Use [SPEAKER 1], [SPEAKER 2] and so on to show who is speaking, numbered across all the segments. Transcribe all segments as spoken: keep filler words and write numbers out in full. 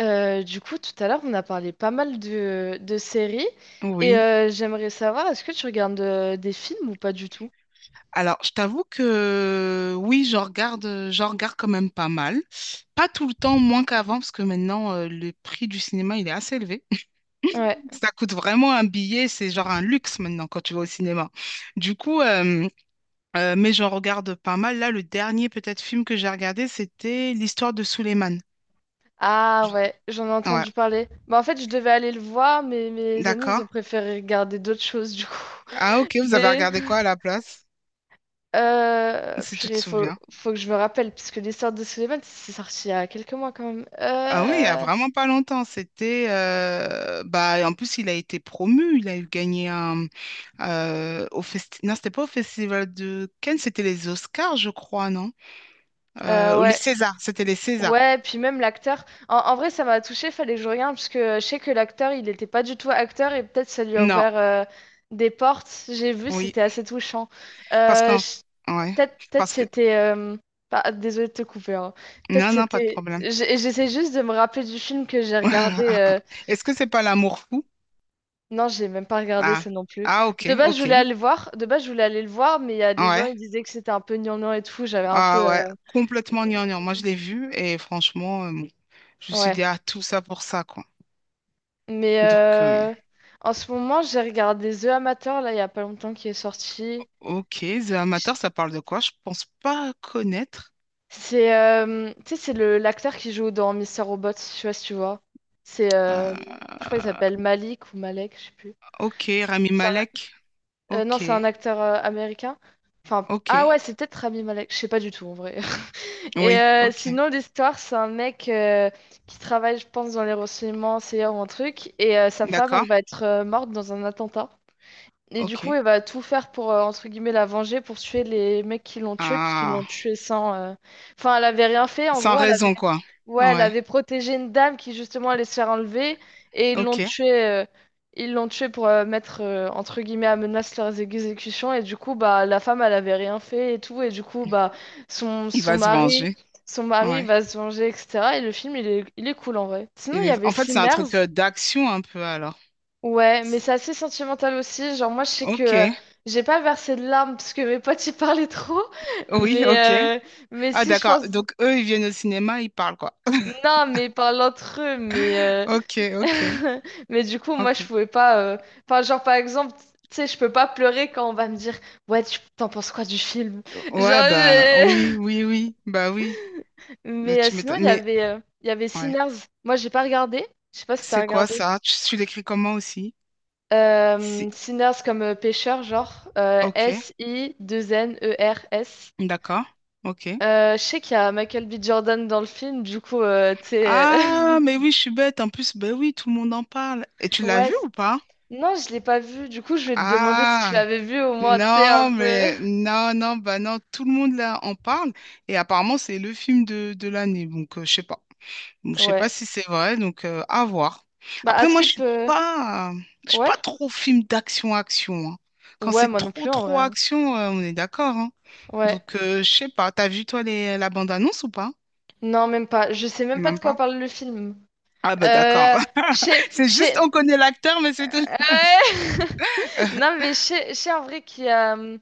[SPEAKER 1] Euh, du coup, tout à l'heure, on a parlé pas mal de, de séries et
[SPEAKER 2] Oui.
[SPEAKER 1] euh, j'aimerais savoir, est-ce que tu regardes euh, des films ou pas du tout?
[SPEAKER 2] Alors, je t'avoue que oui, j'en regarde, euh, j'en regarde quand même pas mal. Pas tout le temps, moins qu'avant, parce que maintenant, euh, le prix du cinéma, il est assez élevé.
[SPEAKER 1] Ouais.
[SPEAKER 2] Ça coûte vraiment un billet, c'est genre un luxe maintenant quand tu vas au cinéma. Du coup, euh, euh, mais j'en regarde pas mal. Là, le dernier peut-être film que j'ai regardé, c'était L'histoire de Souleymane.
[SPEAKER 1] Ah ouais, j'en ai
[SPEAKER 2] Ouais,
[SPEAKER 1] entendu parler. Bah, en fait, je devais aller le voir, mais mes amis, ils
[SPEAKER 2] d'accord.
[SPEAKER 1] ont préféré regarder d'autres choses, du coup.
[SPEAKER 2] Ah ok, vous avez
[SPEAKER 1] Des.
[SPEAKER 2] regardé quoi à la place,
[SPEAKER 1] Euh,
[SPEAKER 2] si tu te
[SPEAKER 1] purée, faut,
[SPEAKER 2] souviens?
[SPEAKER 1] faut que je me rappelle, parce que l'histoire de Sullivan, c'est sorti il y a quelques mois quand même.
[SPEAKER 2] Ah oui, il y a
[SPEAKER 1] Euh,
[SPEAKER 2] vraiment pas longtemps, c'était euh, bah en plus il a été promu, il a eu gagné un euh, au festi- non, c'était pas au festival de Cannes, c'était les Oscars, je crois, non? Euh,
[SPEAKER 1] euh,
[SPEAKER 2] ou les
[SPEAKER 1] ouais,
[SPEAKER 2] Césars, c'était les Césars.
[SPEAKER 1] ouais, puis même l'acteur. En, en vrai, ça m'a touché fallait que je regarde, parce que je sais que l'acteur, il n'était pas du tout acteur et peut-être ça lui a
[SPEAKER 2] Non,
[SPEAKER 1] ouvert euh, des portes. J'ai vu,
[SPEAKER 2] oui,
[SPEAKER 1] c'était assez touchant.
[SPEAKER 2] parce
[SPEAKER 1] Euh,
[SPEAKER 2] qu'en
[SPEAKER 1] je-
[SPEAKER 2] ouais,
[SPEAKER 1] peut-être peut-être
[SPEAKER 2] parce que
[SPEAKER 1] c'était. Euh, bah, désolée de te couper, hein. Peut-être
[SPEAKER 2] non non, pas de
[SPEAKER 1] c'était.
[SPEAKER 2] problème.
[SPEAKER 1] j'ai- J'essaie juste de me rappeler du film que j'ai regardé. Euh,
[SPEAKER 2] Est-ce que c'est pas l'amour fou?
[SPEAKER 1] Non, j'ai même pas regardé
[SPEAKER 2] Ah.
[SPEAKER 1] ça non plus.
[SPEAKER 2] Ah
[SPEAKER 1] De
[SPEAKER 2] OK,
[SPEAKER 1] base, je voulais
[SPEAKER 2] OK.
[SPEAKER 1] aller le voir. De base, je voulais aller le voir, mais il y a des gens,
[SPEAKER 2] Ouais.
[SPEAKER 1] ils disaient que c'était un peu gnangnan et tout. J'avais un peu.
[SPEAKER 2] Ah ouais,
[SPEAKER 1] Euh,
[SPEAKER 2] complètement gnangnan. Moi je l'ai vu et franchement euh, bon, je me suis dit
[SPEAKER 1] Ouais.
[SPEAKER 2] ah tout ça pour ça quoi.
[SPEAKER 1] Mais
[SPEAKER 2] Donc euh,
[SPEAKER 1] euh, en ce moment, j'ai regardé The Amateur, là, il y a pas longtemps, qui est sorti.
[SPEAKER 2] Ok, The Amateur, ça parle de quoi? Je pense pas connaître.
[SPEAKER 1] C'est euh, tu sais, c'est le l'acteur qui joue dans Mister Robot, je sais pas si tu vois. C'est, euh, je
[SPEAKER 2] Euh,
[SPEAKER 1] crois qu'il s'appelle Malik ou Malek, je sais plus.
[SPEAKER 2] ok, Rami
[SPEAKER 1] C'est un-
[SPEAKER 2] Malek.
[SPEAKER 1] euh,
[SPEAKER 2] Ok,
[SPEAKER 1] non, c'est un acteur euh, américain. Enfin, p- ah
[SPEAKER 2] ok.
[SPEAKER 1] ouais, c'est peut-être Rami Malek, je sais pas du tout en vrai. Et
[SPEAKER 2] Oui,
[SPEAKER 1] euh,
[SPEAKER 2] ok.
[SPEAKER 1] sinon, l'histoire, c'est un mec euh, qui travaille, je pense, dans les renseignements, c'est un truc, et euh, sa femme,
[SPEAKER 2] D'accord,
[SPEAKER 1] elle va être euh, morte dans un attentat. Et du
[SPEAKER 2] ok.
[SPEAKER 1] coup, elle va tout faire pour, euh, entre guillemets, la venger, pour tuer les mecs qui l'ont tuée, puisqu'ils l'ont
[SPEAKER 2] Ah,
[SPEAKER 1] tuée sans. Euh, Enfin, elle avait rien fait, en
[SPEAKER 2] sans
[SPEAKER 1] gros, elle avait.
[SPEAKER 2] raison, quoi.
[SPEAKER 1] Ouais, elle
[SPEAKER 2] Ouais,
[SPEAKER 1] avait protégé une dame qui, justement, allait se faire enlever, et ils l'ont
[SPEAKER 2] ok.
[SPEAKER 1] tuée. Euh, Ils l'ont tuée pour euh, mettre, euh, entre guillemets, à menace leurs exécutions, et du coup, bah, la femme, elle avait rien fait et tout, et du coup, bah, son,
[SPEAKER 2] Il
[SPEAKER 1] son
[SPEAKER 2] va se
[SPEAKER 1] mari.
[SPEAKER 2] venger.
[SPEAKER 1] Son mari
[SPEAKER 2] Ouais.
[SPEAKER 1] va se venger, et cetera. Et le film, il est, il est cool en vrai. Sinon,
[SPEAKER 2] Il
[SPEAKER 1] il y
[SPEAKER 2] est-
[SPEAKER 1] avait
[SPEAKER 2] En fait, c'est un
[SPEAKER 1] Sinners.
[SPEAKER 2] truc euh, d'action un peu alors.
[SPEAKER 1] Ouais,
[SPEAKER 2] C'est-
[SPEAKER 1] mais c'est assez sentimental aussi. Genre, moi, je sais que
[SPEAKER 2] Ok,
[SPEAKER 1] euh, j'ai pas versé de larmes parce que mes potes y parlaient trop.
[SPEAKER 2] oui,
[SPEAKER 1] Mais,
[SPEAKER 2] ok.
[SPEAKER 1] euh, mais
[SPEAKER 2] Ah,
[SPEAKER 1] si, je
[SPEAKER 2] d'accord.
[SPEAKER 1] pense.
[SPEAKER 2] Donc, eux, ils viennent au cinéma, ils parlent, quoi.
[SPEAKER 1] Non, mais ils parlent entre eux. Mais, euh,
[SPEAKER 2] Ok, ok,
[SPEAKER 1] mais du coup, moi, je
[SPEAKER 2] ok.
[SPEAKER 1] pouvais pas. Euh, Enfin, genre, par exemple, tu sais, je peux pas pleurer quand on va me dire, ouais, tu t'en penses quoi du film?
[SPEAKER 2] Ouais,
[SPEAKER 1] Genre,
[SPEAKER 2] bah oui,
[SPEAKER 1] j'ai-
[SPEAKER 2] oui, oui, bah oui. Mais
[SPEAKER 1] mais euh,
[SPEAKER 2] tu
[SPEAKER 1] Sinon,
[SPEAKER 2] m'étonnes.
[SPEAKER 1] il y
[SPEAKER 2] Mais
[SPEAKER 1] avait, euh, il y avait
[SPEAKER 2] ouais.
[SPEAKER 1] Sinners. Moi, j'ai pas regardé. Je sais pas si t'as
[SPEAKER 2] C'est quoi
[SPEAKER 1] regardé.
[SPEAKER 2] ça? Tu, tu l'écris comment aussi? C'est...
[SPEAKER 1] Euh, Sinners comme euh, pêcheur, genre
[SPEAKER 2] Ok,
[SPEAKER 1] S-I-2-N-E-R-S.
[SPEAKER 2] d'accord, ok.
[SPEAKER 1] Je sais qu'il y a Michael B. Jordan dans le film, du coup, euh, tu sais.
[SPEAKER 2] Ah, mais oui, je suis bête. En plus, ben oui, tout le monde en parle. Et tu
[SPEAKER 1] Euh,
[SPEAKER 2] l'as
[SPEAKER 1] ouais.
[SPEAKER 2] vu
[SPEAKER 1] c-
[SPEAKER 2] ou pas?
[SPEAKER 1] Non, je l'ai pas vu, du coup, je vais te demander si tu
[SPEAKER 2] Ah,
[SPEAKER 1] l'avais vu au moins, tu sais, un
[SPEAKER 2] non,
[SPEAKER 1] peu.
[SPEAKER 2] mais non, non, bah non, tout le monde là en parle. Et apparemment, c'est le film de, de l'année. Donc, euh, je sais pas. Donc, je sais pas
[SPEAKER 1] Ouais.
[SPEAKER 2] si c'est vrai, donc euh, à voir.
[SPEAKER 1] Bah,
[SPEAKER 2] Après, moi, je
[SPEAKER 1] Askip,
[SPEAKER 2] suis
[SPEAKER 1] euh,
[SPEAKER 2] pas, euh, je suis
[SPEAKER 1] ouais?
[SPEAKER 2] pas trop film d'action-action, hein. Quand
[SPEAKER 1] Ouais,
[SPEAKER 2] c'est
[SPEAKER 1] moi non
[SPEAKER 2] trop,
[SPEAKER 1] plus en vrai,
[SPEAKER 2] trop
[SPEAKER 1] hein.
[SPEAKER 2] action, euh, on est d'accord, hein.
[SPEAKER 1] Ouais.
[SPEAKER 2] Donc, euh, je sais pas. T'as vu, toi, les, la bande-annonce ou pas?
[SPEAKER 1] Non, même pas. Je sais même pas de
[SPEAKER 2] Même
[SPEAKER 1] quoi
[SPEAKER 2] pas.
[SPEAKER 1] parle le film.
[SPEAKER 2] Ah, bah, d'accord.
[SPEAKER 1] Euh. Je sais.
[SPEAKER 2] C'est
[SPEAKER 1] je
[SPEAKER 2] juste, on
[SPEAKER 1] sais-
[SPEAKER 2] connaît l'acteur, mais c'est tout.
[SPEAKER 1] Ouais. Non, mais je sais je sais en vrai qu'il y a. euh,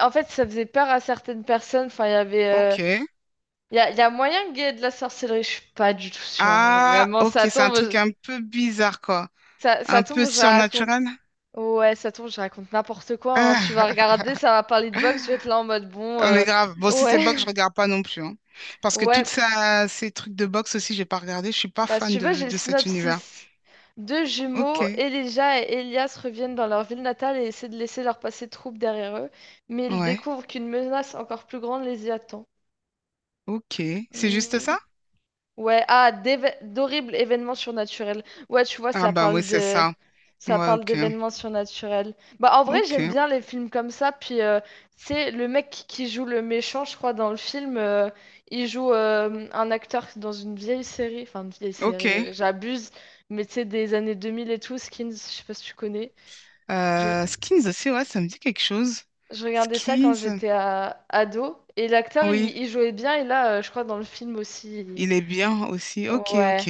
[SPEAKER 1] En fait, ça faisait peur à certaines personnes. Enfin, il y avait. Euh,
[SPEAKER 2] Ok.
[SPEAKER 1] Il y a, il y a moyen qu'il y ait de la sorcellerie. Je suis pas du tout sûre, hein.
[SPEAKER 2] Ah,
[SPEAKER 1] Vraiment,
[SPEAKER 2] ok,
[SPEAKER 1] ça
[SPEAKER 2] c'est un
[SPEAKER 1] tombe.
[SPEAKER 2] truc
[SPEAKER 1] je-
[SPEAKER 2] un peu bizarre, quoi.
[SPEAKER 1] Ça,
[SPEAKER 2] Un
[SPEAKER 1] ça
[SPEAKER 2] peu
[SPEAKER 1] tombe, je raconte.
[SPEAKER 2] surnaturel.
[SPEAKER 1] Ouais, ça tombe, je raconte n'importe quoi, hein. Tu vas regarder, ça va parler de boxe. Je vais être là en mode bon.
[SPEAKER 2] Ah, mais
[SPEAKER 1] Euh,
[SPEAKER 2] grave. Bon, si c'est
[SPEAKER 1] Ouais.
[SPEAKER 2] boxe, je regarde pas non plus, hein. Parce que
[SPEAKER 1] Ouais.
[SPEAKER 2] toutes ça- ces trucs de boxe aussi, j'ai pas regardé. Je suis pas
[SPEAKER 1] Bah, si
[SPEAKER 2] fan
[SPEAKER 1] tu veux,
[SPEAKER 2] de,
[SPEAKER 1] j'ai le
[SPEAKER 2] de cet univers.
[SPEAKER 1] synopsis. Deux jumeaux,
[SPEAKER 2] Ok.
[SPEAKER 1] Elijah et Elias, reviennent dans leur ville natale et essaient de laisser leur passé trouble derrière eux. Mais ils
[SPEAKER 2] Ouais.
[SPEAKER 1] découvrent qu'une menace encore plus grande les y attend.
[SPEAKER 2] Ok. C'est juste
[SPEAKER 1] Hmm.
[SPEAKER 2] ça?
[SPEAKER 1] Ouais, ah, d'éve- d'horribles événements surnaturels. Ouais, tu vois,
[SPEAKER 2] Ah
[SPEAKER 1] ça
[SPEAKER 2] bah oui,
[SPEAKER 1] parle
[SPEAKER 2] c'est
[SPEAKER 1] de.
[SPEAKER 2] ça.
[SPEAKER 1] Ça
[SPEAKER 2] Ouais,
[SPEAKER 1] parle
[SPEAKER 2] ok.
[SPEAKER 1] d'événements surnaturels. Bah, en vrai, j'aime
[SPEAKER 2] Ok.
[SPEAKER 1] bien les films comme ça. Puis, euh, tu sais, le mec qui joue le méchant, je crois, dans le film, euh, il joue euh, un acteur dans une vieille série. Enfin, une vieille
[SPEAKER 2] Ok.
[SPEAKER 1] série, euh, j'abuse. Mais tu sais, des années deux mille et tout, Skins, je sais pas si tu connais. Je,
[SPEAKER 2] Euh, Skins aussi, ouais, ça me dit quelque chose.
[SPEAKER 1] je regardais ça quand
[SPEAKER 2] Skins.
[SPEAKER 1] j'étais à ado. Et l'acteur,
[SPEAKER 2] Oui,
[SPEAKER 1] il... il jouait bien. Et là, euh, je crois, dans le film aussi. il-
[SPEAKER 2] il est bien aussi. Ok,
[SPEAKER 1] Ouais,
[SPEAKER 2] ok.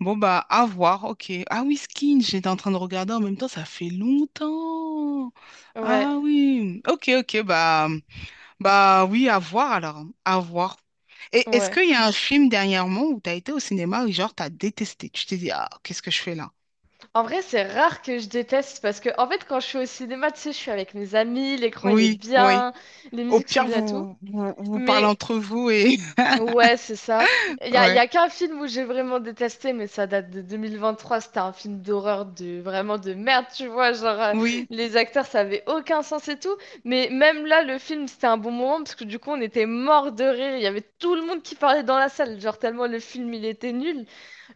[SPEAKER 2] Bon, bah, à voir. Ok. Ah oui, Skins, j'étais en train de regarder en même temps, ça fait longtemps.
[SPEAKER 1] ouais.
[SPEAKER 2] Ah oui. Ok, ok, bah. Bah oui, à voir alors, à voir. Et est-ce
[SPEAKER 1] Ouais.
[SPEAKER 2] qu'il y a un film dernièrement où tu as été au cinéma et genre t'as détesté? Tu t'es dit, ah, qu'est-ce que je fais là?
[SPEAKER 1] En vrai, c'est rare que je déteste parce que, en fait, quand je suis au cinéma, tu sais, je suis avec mes amis, l'écran il est
[SPEAKER 2] Oui, oui.
[SPEAKER 1] bien, les
[SPEAKER 2] Au
[SPEAKER 1] musiques sont
[SPEAKER 2] pire,
[SPEAKER 1] bien et tout.
[SPEAKER 2] vous, vous, vous parlez
[SPEAKER 1] Mais
[SPEAKER 2] entre vous et...
[SPEAKER 1] ouais, c'est ça. Il y a, y
[SPEAKER 2] Ouais.
[SPEAKER 1] a qu'un film où j'ai vraiment détesté, mais ça date de deux mille vingt-trois. C'était un film d'horreur de vraiment de merde, tu vois. Genre, euh,
[SPEAKER 2] Oui.
[SPEAKER 1] les acteurs, ça avait aucun sens et tout. Mais même là, le film, c'était un bon moment parce que du coup, on était mort de rire. Il y avait tout le monde qui parlait dans la salle, genre tellement le film il était nul.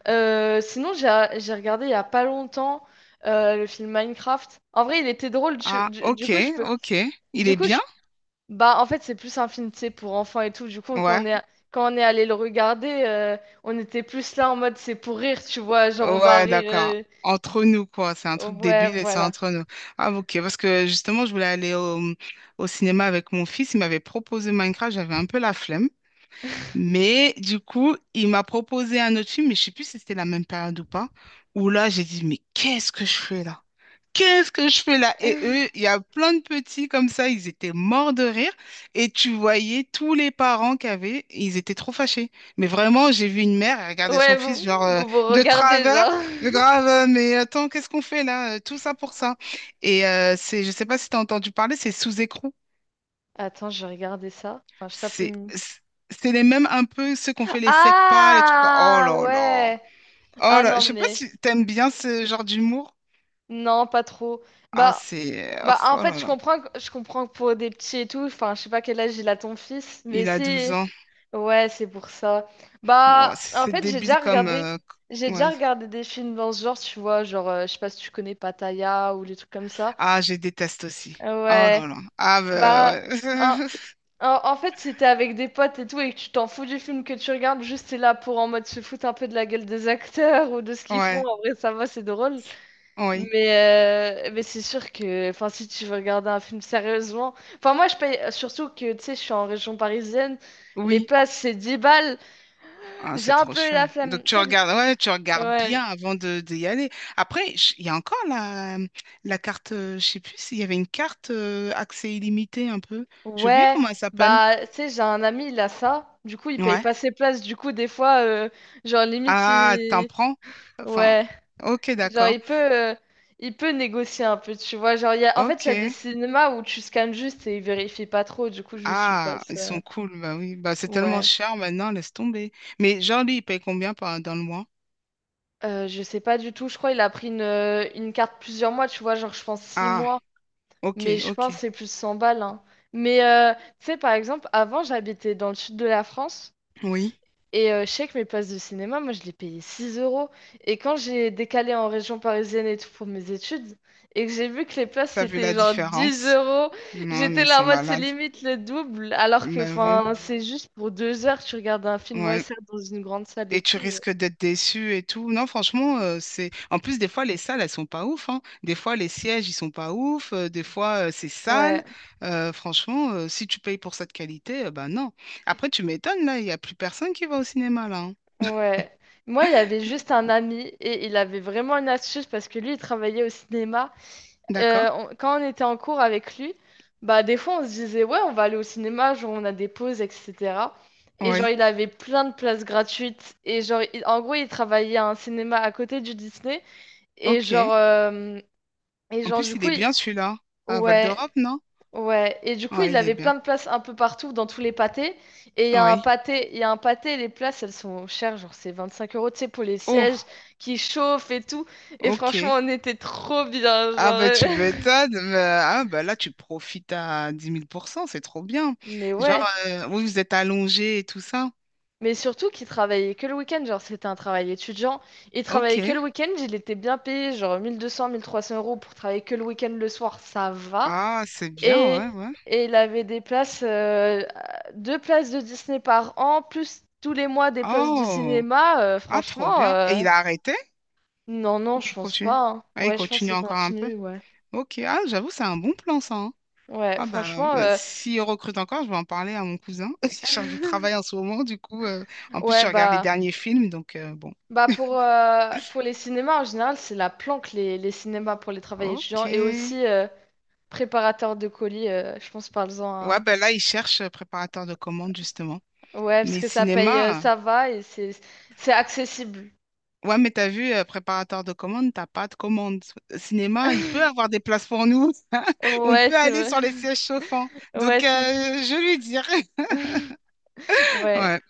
[SPEAKER 1] Euh, sinon, j'ai j'ai regardé il y a pas longtemps euh, le film Minecraft. En vrai, il était drôle. Je-
[SPEAKER 2] Ah,
[SPEAKER 1] du, du
[SPEAKER 2] ok,
[SPEAKER 1] coup, je peux.
[SPEAKER 2] ok. Il
[SPEAKER 1] Du
[SPEAKER 2] est
[SPEAKER 1] coup,
[SPEAKER 2] bien?
[SPEAKER 1] je, bah, en fait, c'est plus un film, tu sais, pour enfants et tout. Du coup, quand on est,
[SPEAKER 2] Ouais.
[SPEAKER 1] quand on est allé le regarder, euh, on était plus là en mode c'est pour rire, tu vois. Genre, on va
[SPEAKER 2] Ouais,
[SPEAKER 1] rire.
[SPEAKER 2] d'accord.
[SPEAKER 1] Euh,
[SPEAKER 2] Entre nous, quoi. C'est un
[SPEAKER 1] oh,
[SPEAKER 2] truc
[SPEAKER 1] ouais,
[SPEAKER 2] débile et c'est
[SPEAKER 1] voilà.
[SPEAKER 2] entre nous. Ah, ok. Parce que justement, je voulais aller au, au cinéma avec mon fils. Il m'avait proposé Minecraft. J'avais un peu la flemme. Mais du coup, il m'a proposé un autre film, mais je sais plus si c'était la même période ou pas, où là, j'ai dit, mais qu'est-ce que je fais là? Qu'est-ce que je fais là? Et eux, il y a plein de petits comme ça, ils étaient morts de rire. Et tu voyais tous les parents qu'il y avait, ils étaient trop fâchés. Mais vraiment, j'ai vu une mère, elle regardait
[SPEAKER 1] Ouais,
[SPEAKER 2] son
[SPEAKER 1] vous
[SPEAKER 2] fils, genre, euh,
[SPEAKER 1] vous, vous
[SPEAKER 2] de
[SPEAKER 1] regardez,
[SPEAKER 2] travers.
[SPEAKER 1] genre.
[SPEAKER 2] Grave, euh, mais attends, qu'est-ce qu'on fait là? Euh, Tout ça pour ça. Et euh, c'est, je sais pas si tu as entendu parler, c'est Sous écrou.
[SPEAKER 1] Attends, je vais regarder ça. Enfin, je tape le
[SPEAKER 2] C'est
[SPEAKER 1] nom.
[SPEAKER 2] c'est- c'est les mêmes un peu ceux qu'on fait les secs les trucs. Oh
[SPEAKER 1] Ah
[SPEAKER 2] là là.
[SPEAKER 1] ouais.
[SPEAKER 2] Oh
[SPEAKER 1] Ah
[SPEAKER 2] là, je
[SPEAKER 1] non
[SPEAKER 2] sais pas
[SPEAKER 1] mais
[SPEAKER 2] si t'aimes bien ce genre d'humour.
[SPEAKER 1] non pas trop.
[SPEAKER 2] Ah,
[SPEAKER 1] Bah
[SPEAKER 2] c'est.
[SPEAKER 1] Bah, en
[SPEAKER 2] Oh
[SPEAKER 1] fait,
[SPEAKER 2] là
[SPEAKER 1] je
[SPEAKER 2] là.
[SPEAKER 1] comprends, que- je comprends que pour des petits et tout, enfin, je sais pas quel âge il a ton fils, mais
[SPEAKER 2] Il a douze
[SPEAKER 1] c'est.
[SPEAKER 2] ans.
[SPEAKER 1] Ouais, c'est pour ça.
[SPEAKER 2] Bon,
[SPEAKER 1] Bah, en
[SPEAKER 2] c'est
[SPEAKER 1] fait, j'ai
[SPEAKER 2] débile
[SPEAKER 1] déjà
[SPEAKER 2] comme.
[SPEAKER 1] regardé,
[SPEAKER 2] euh,
[SPEAKER 1] j'ai déjà
[SPEAKER 2] ouais.
[SPEAKER 1] regardé des films dans ce genre, tu vois, genre, euh, je sais pas si tu connais Pattaya ou les trucs comme ça.
[SPEAKER 2] Ah, je déteste aussi.
[SPEAKER 1] Euh,
[SPEAKER 2] Oh
[SPEAKER 1] Ouais,
[SPEAKER 2] là là. Ah,
[SPEAKER 1] bah,
[SPEAKER 2] bah,
[SPEAKER 1] en,
[SPEAKER 2] ouais.
[SPEAKER 1] en- en fait, si t'es avec des potes et tout et que tu t'en fous du film que tu regardes, juste t'es là pour en mode se foutre un peu de la gueule des acteurs ou de ce qu'ils font,
[SPEAKER 2] Ouais.
[SPEAKER 1] en vrai, ça va, c'est drôle.
[SPEAKER 2] Oui.
[SPEAKER 1] Mais, euh, mais c'est sûr que enfin, si tu veux regarder un film sérieusement. Enfin, moi, je paye. Surtout que tu sais, je suis en région parisienne. Les
[SPEAKER 2] Oui.
[SPEAKER 1] places, c'est dix balles.
[SPEAKER 2] Ah,
[SPEAKER 1] J'ai
[SPEAKER 2] c'est
[SPEAKER 1] un
[SPEAKER 2] trop
[SPEAKER 1] peu
[SPEAKER 2] chiant.
[SPEAKER 1] la flemme.
[SPEAKER 2] Donc tu
[SPEAKER 1] Tu sais que.
[SPEAKER 2] regardes, ouais, tu regardes
[SPEAKER 1] Ouais.
[SPEAKER 2] bien avant de, d'y aller. Après, je- il y a encore la, la carte, euh, je sais plus s'il y avait une carte euh, accès illimité un peu. J'ai oublié
[SPEAKER 1] Ouais.
[SPEAKER 2] comment elle s'appelle.
[SPEAKER 1] Bah, tu sais, j'ai un ami, il a ça. Du coup, il paye
[SPEAKER 2] Ouais.
[SPEAKER 1] pas ses places. Du coup, des fois, euh, genre, limite,
[SPEAKER 2] Ah, t'en
[SPEAKER 1] il.
[SPEAKER 2] prends? Enfin,
[SPEAKER 1] Ouais.
[SPEAKER 2] ok,
[SPEAKER 1] Genre,
[SPEAKER 2] d'accord.
[SPEAKER 1] il peut. euh, Il peut négocier un peu, tu vois. Genre, il y a. En fait, il y a des
[SPEAKER 2] Ok.
[SPEAKER 1] cinémas où tu scannes juste et ils vérifient pas trop. Du coup, je suis pas
[SPEAKER 2] Ah, ils
[SPEAKER 1] ça.
[SPEAKER 2] sont cool, bah oui. Bah c'est tellement
[SPEAKER 1] Ouais.
[SPEAKER 2] cher maintenant, laisse tomber. Mais genre lui, il paye combien par, dans le mois?
[SPEAKER 1] Euh, je sais pas du tout, je crois qu'il a pris une, euh, une carte plusieurs mois, tu vois, genre je pense six
[SPEAKER 2] Ah,
[SPEAKER 1] mois,
[SPEAKER 2] ok,
[SPEAKER 1] mais je
[SPEAKER 2] ok.
[SPEAKER 1] pense que c'est plus cent balles, hein. Mais euh, tu sais, par exemple, avant j'habitais dans le sud de la France
[SPEAKER 2] Oui.
[SPEAKER 1] et euh, je sais que mes places de cinéma, moi je les payais six euros. Et quand j'ai décalé en région parisienne et tout pour mes études et que j'ai vu que les places
[SPEAKER 2] T'as vu
[SPEAKER 1] c'était
[SPEAKER 2] la
[SPEAKER 1] genre dix
[SPEAKER 2] différence?
[SPEAKER 1] euros,
[SPEAKER 2] Non, mais
[SPEAKER 1] j'étais
[SPEAKER 2] ils
[SPEAKER 1] là
[SPEAKER 2] sont
[SPEAKER 1] en mode c'est
[SPEAKER 2] malades.
[SPEAKER 1] limite le double, alors que
[SPEAKER 2] Bah oui.
[SPEAKER 1] enfin c'est juste pour deux heures, tu regardes un film, ouais,
[SPEAKER 2] Ouais.
[SPEAKER 1] ça dans une grande salle et
[SPEAKER 2] Et tu
[SPEAKER 1] tout. Ouais.
[SPEAKER 2] risques d'être déçu et tout. Non, franchement, euh, c'est. En plus, des fois, les salles, elles sont pas ouf, hein. Des fois, les sièges, ils sont pas ouf. euh, des fois, euh, c'est
[SPEAKER 1] Ouais.
[SPEAKER 2] sale. Euh, franchement, euh, si tu payes pour cette qualité, euh, ben non. Après, tu m'étonnes, là, il n'y a plus personne qui va au cinéma, là, hein.
[SPEAKER 1] Ouais. Moi, il avait juste un ami et il avait vraiment une astuce parce que lui, il travaillait au cinéma.
[SPEAKER 2] D'accord?
[SPEAKER 1] Euh, on- quand on était en cours avec lui, bah des fois, on se disait, ouais, on va aller au cinéma, genre on a des pauses, et cetera. Et genre,
[SPEAKER 2] Oui.
[SPEAKER 1] il avait plein de places gratuites. Et genre, il- en gros, il travaillait à un cinéma à côté du Disney. Et
[SPEAKER 2] OK.
[SPEAKER 1] genre, euh, et
[SPEAKER 2] En
[SPEAKER 1] genre du
[SPEAKER 2] plus, il
[SPEAKER 1] coup,
[SPEAKER 2] est
[SPEAKER 1] il-
[SPEAKER 2] bien, celui-là. À Val
[SPEAKER 1] ouais.
[SPEAKER 2] d'Europe, non?
[SPEAKER 1] Ouais, et du coup,
[SPEAKER 2] Ouais
[SPEAKER 1] il
[SPEAKER 2] il est
[SPEAKER 1] avait
[SPEAKER 2] bien.
[SPEAKER 1] plein de places un peu partout dans tous les pâtés. Et il y a un
[SPEAKER 2] Oui.
[SPEAKER 1] pâté, il y a un pâté, les places, elles sont chères, genre c'est vingt-cinq euros, tu sais, pour les
[SPEAKER 2] Oh,
[SPEAKER 1] sièges qui chauffent et tout. Et franchement,
[SPEAKER 2] OK.
[SPEAKER 1] on était trop bien, genre.
[SPEAKER 2] Ah, ben,
[SPEAKER 1] Euh,
[SPEAKER 2] tu m'étonnes. Mais, ah, ben là, tu profites à dix mille pour cent, c'est trop bien.
[SPEAKER 1] Mais
[SPEAKER 2] Genre,
[SPEAKER 1] ouais,
[SPEAKER 2] euh, oui, vous êtes allongé et tout ça.
[SPEAKER 1] mais surtout qu'il travaillait que le week-end, genre c'était un travail étudiant. Il travaillait que
[SPEAKER 2] Ok.
[SPEAKER 1] le week-end, il était bien payé, genre mille deux cents, mille trois cents euros pour travailler que le week-end le soir, ça va.
[SPEAKER 2] Ah, c'est bien,
[SPEAKER 1] Et,
[SPEAKER 2] ouais, ouais.
[SPEAKER 1] et il avait des places, euh, deux places de Disney par an, plus tous les mois des places de
[SPEAKER 2] Oh,
[SPEAKER 1] cinéma. Euh,
[SPEAKER 2] ah, trop
[SPEAKER 1] franchement,
[SPEAKER 2] bien. Et
[SPEAKER 1] euh,
[SPEAKER 2] il a arrêté?
[SPEAKER 1] non, non,
[SPEAKER 2] Ou
[SPEAKER 1] je
[SPEAKER 2] il
[SPEAKER 1] pense
[SPEAKER 2] continue?
[SPEAKER 1] pas, hein.
[SPEAKER 2] Ah, il
[SPEAKER 1] Ouais, je pense
[SPEAKER 2] continue
[SPEAKER 1] qu'il
[SPEAKER 2] encore un peu.
[SPEAKER 1] continue, ouais.
[SPEAKER 2] Ok, ah, j'avoue, c'est un bon plan, ça, hein.
[SPEAKER 1] Ouais,
[SPEAKER 2] Ah, bah,
[SPEAKER 1] franchement,
[SPEAKER 2] bah,
[SPEAKER 1] euh,
[SPEAKER 2] s'il recrute encore, je vais en parler à mon cousin. Il est chargé de travail en ce moment, du coup. euh, En plus,
[SPEAKER 1] ouais,
[SPEAKER 2] je regarde les
[SPEAKER 1] bah,
[SPEAKER 2] derniers films, donc euh, bon.
[SPEAKER 1] bah pour, euh, pour les cinémas en général, c'est la planque, les, les cinémas pour les travailleurs
[SPEAKER 2] Ok.
[SPEAKER 1] étudiants et
[SPEAKER 2] Ouais,
[SPEAKER 1] aussi euh, préparateurs de colis, euh, je pense, parle-en à.
[SPEAKER 2] ben là, il cherche euh, préparateur de commande, justement.
[SPEAKER 1] Ouais, parce
[SPEAKER 2] Mais
[SPEAKER 1] que ça paye, euh,
[SPEAKER 2] cinéma,
[SPEAKER 1] ça va et c'est c'est accessible.
[SPEAKER 2] ouais, mais t'as vu, euh, préparateur de commandes, t'as pas de commande. Cinéma, il peut avoir des places pour nous. On
[SPEAKER 1] Ouais,
[SPEAKER 2] peut
[SPEAKER 1] c'est
[SPEAKER 2] aller
[SPEAKER 1] vrai.
[SPEAKER 2] sur les sièges chauffants.
[SPEAKER 1] Ouais,
[SPEAKER 2] Donc, euh,
[SPEAKER 1] c'est.
[SPEAKER 2] je lui dirai.
[SPEAKER 1] Ouais.
[SPEAKER 2] Ouais.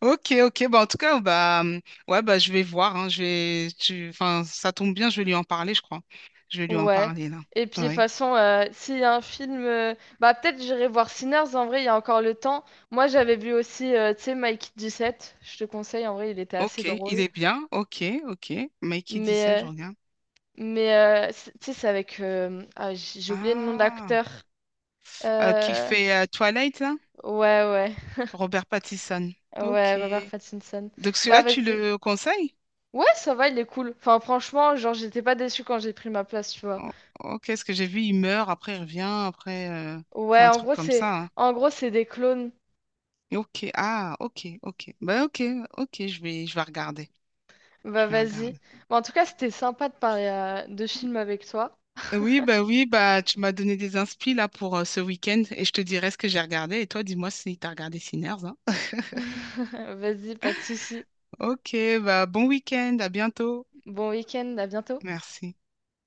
[SPEAKER 2] Ok, ok. Bah, en tout cas, bah, hum, ouais, bah, je vais voir, hein. Je vais, tu... enfin, ça tombe bien, je vais lui en parler, je crois. Je vais lui en
[SPEAKER 1] Ouais.
[SPEAKER 2] parler, là.
[SPEAKER 1] Et puis de toute
[SPEAKER 2] Ouais.
[SPEAKER 1] façon, euh, s'il y a un film, euh, bah peut-être j'irai voir Sinners. En vrai, il y a encore le temps. Moi, j'avais vu aussi, euh, tu sais, Mike dix-sept. Je te conseille. En vrai, il était assez
[SPEAKER 2] Ok, il
[SPEAKER 1] drôle.
[SPEAKER 2] est bien. Ok, ok. Mikey dix-sept,
[SPEAKER 1] Mais,
[SPEAKER 2] je
[SPEAKER 1] euh,
[SPEAKER 2] regarde.
[SPEAKER 1] mais euh, c'est- tu sais, c'est avec, euh, ah, j- j'ai oublié le nom de
[SPEAKER 2] Ah,
[SPEAKER 1] l'acteur.
[SPEAKER 2] Euh, qui
[SPEAKER 1] Euh,
[SPEAKER 2] fait euh, Twilight, là?
[SPEAKER 1] ouais, ouais,
[SPEAKER 2] Robert Pattinson.
[SPEAKER 1] ouais,
[SPEAKER 2] Ok.
[SPEAKER 1] Robert Pattinson.
[SPEAKER 2] Donc,
[SPEAKER 1] Bah
[SPEAKER 2] celui-là, tu
[SPEAKER 1] vas-y.
[SPEAKER 2] le conseilles?
[SPEAKER 1] Ouais, ça va, il est cool. Enfin, franchement, genre, j'étais pas déçue quand j'ai pris ma place, tu vois.
[SPEAKER 2] O- Ok, ce que j'ai vu, il meurt, après il revient, après euh, c'est
[SPEAKER 1] Ouais,
[SPEAKER 2] un
[SPEAKER 1] en
[SPEAKER 2] truc
[SPEAKER 1] gros,
[SPEAKER 2] comme
[SPEAKER 1] c'est,
[SPEAKER 2] ça, hein.
[SPEAKER 1] en gros, c'est des clones.
[SPEAKER 2] Ok, ah, ok, ok. Bah ok, ok, je vais, je vais regarder. Je
[SPEAKER 1] Bah
[SPEAKER 2] vais
[SPEAKER 1] vas-y.
[SPEAKER 2] regarder.
[SPEAKER 1] Bon, en tout cas, c'était sympa de parler euh, de films avec toi.
[SPEAKER 2] Oui, bah oui, bah tu m'as donné des inspi là pour euh, ce week-end et je te dirai ce que j'ai regardé. Et toi, dis-moi si t'as regardé Sinners, hein.
[SPEAKER 1] Vas-y, pas de souci.
[SPEAKER 2] Ok, bah bon week-end, à bientôt.
[SPEAKER 1] Bon week-end, à bientôt.
[SPEAKER 2] Merci.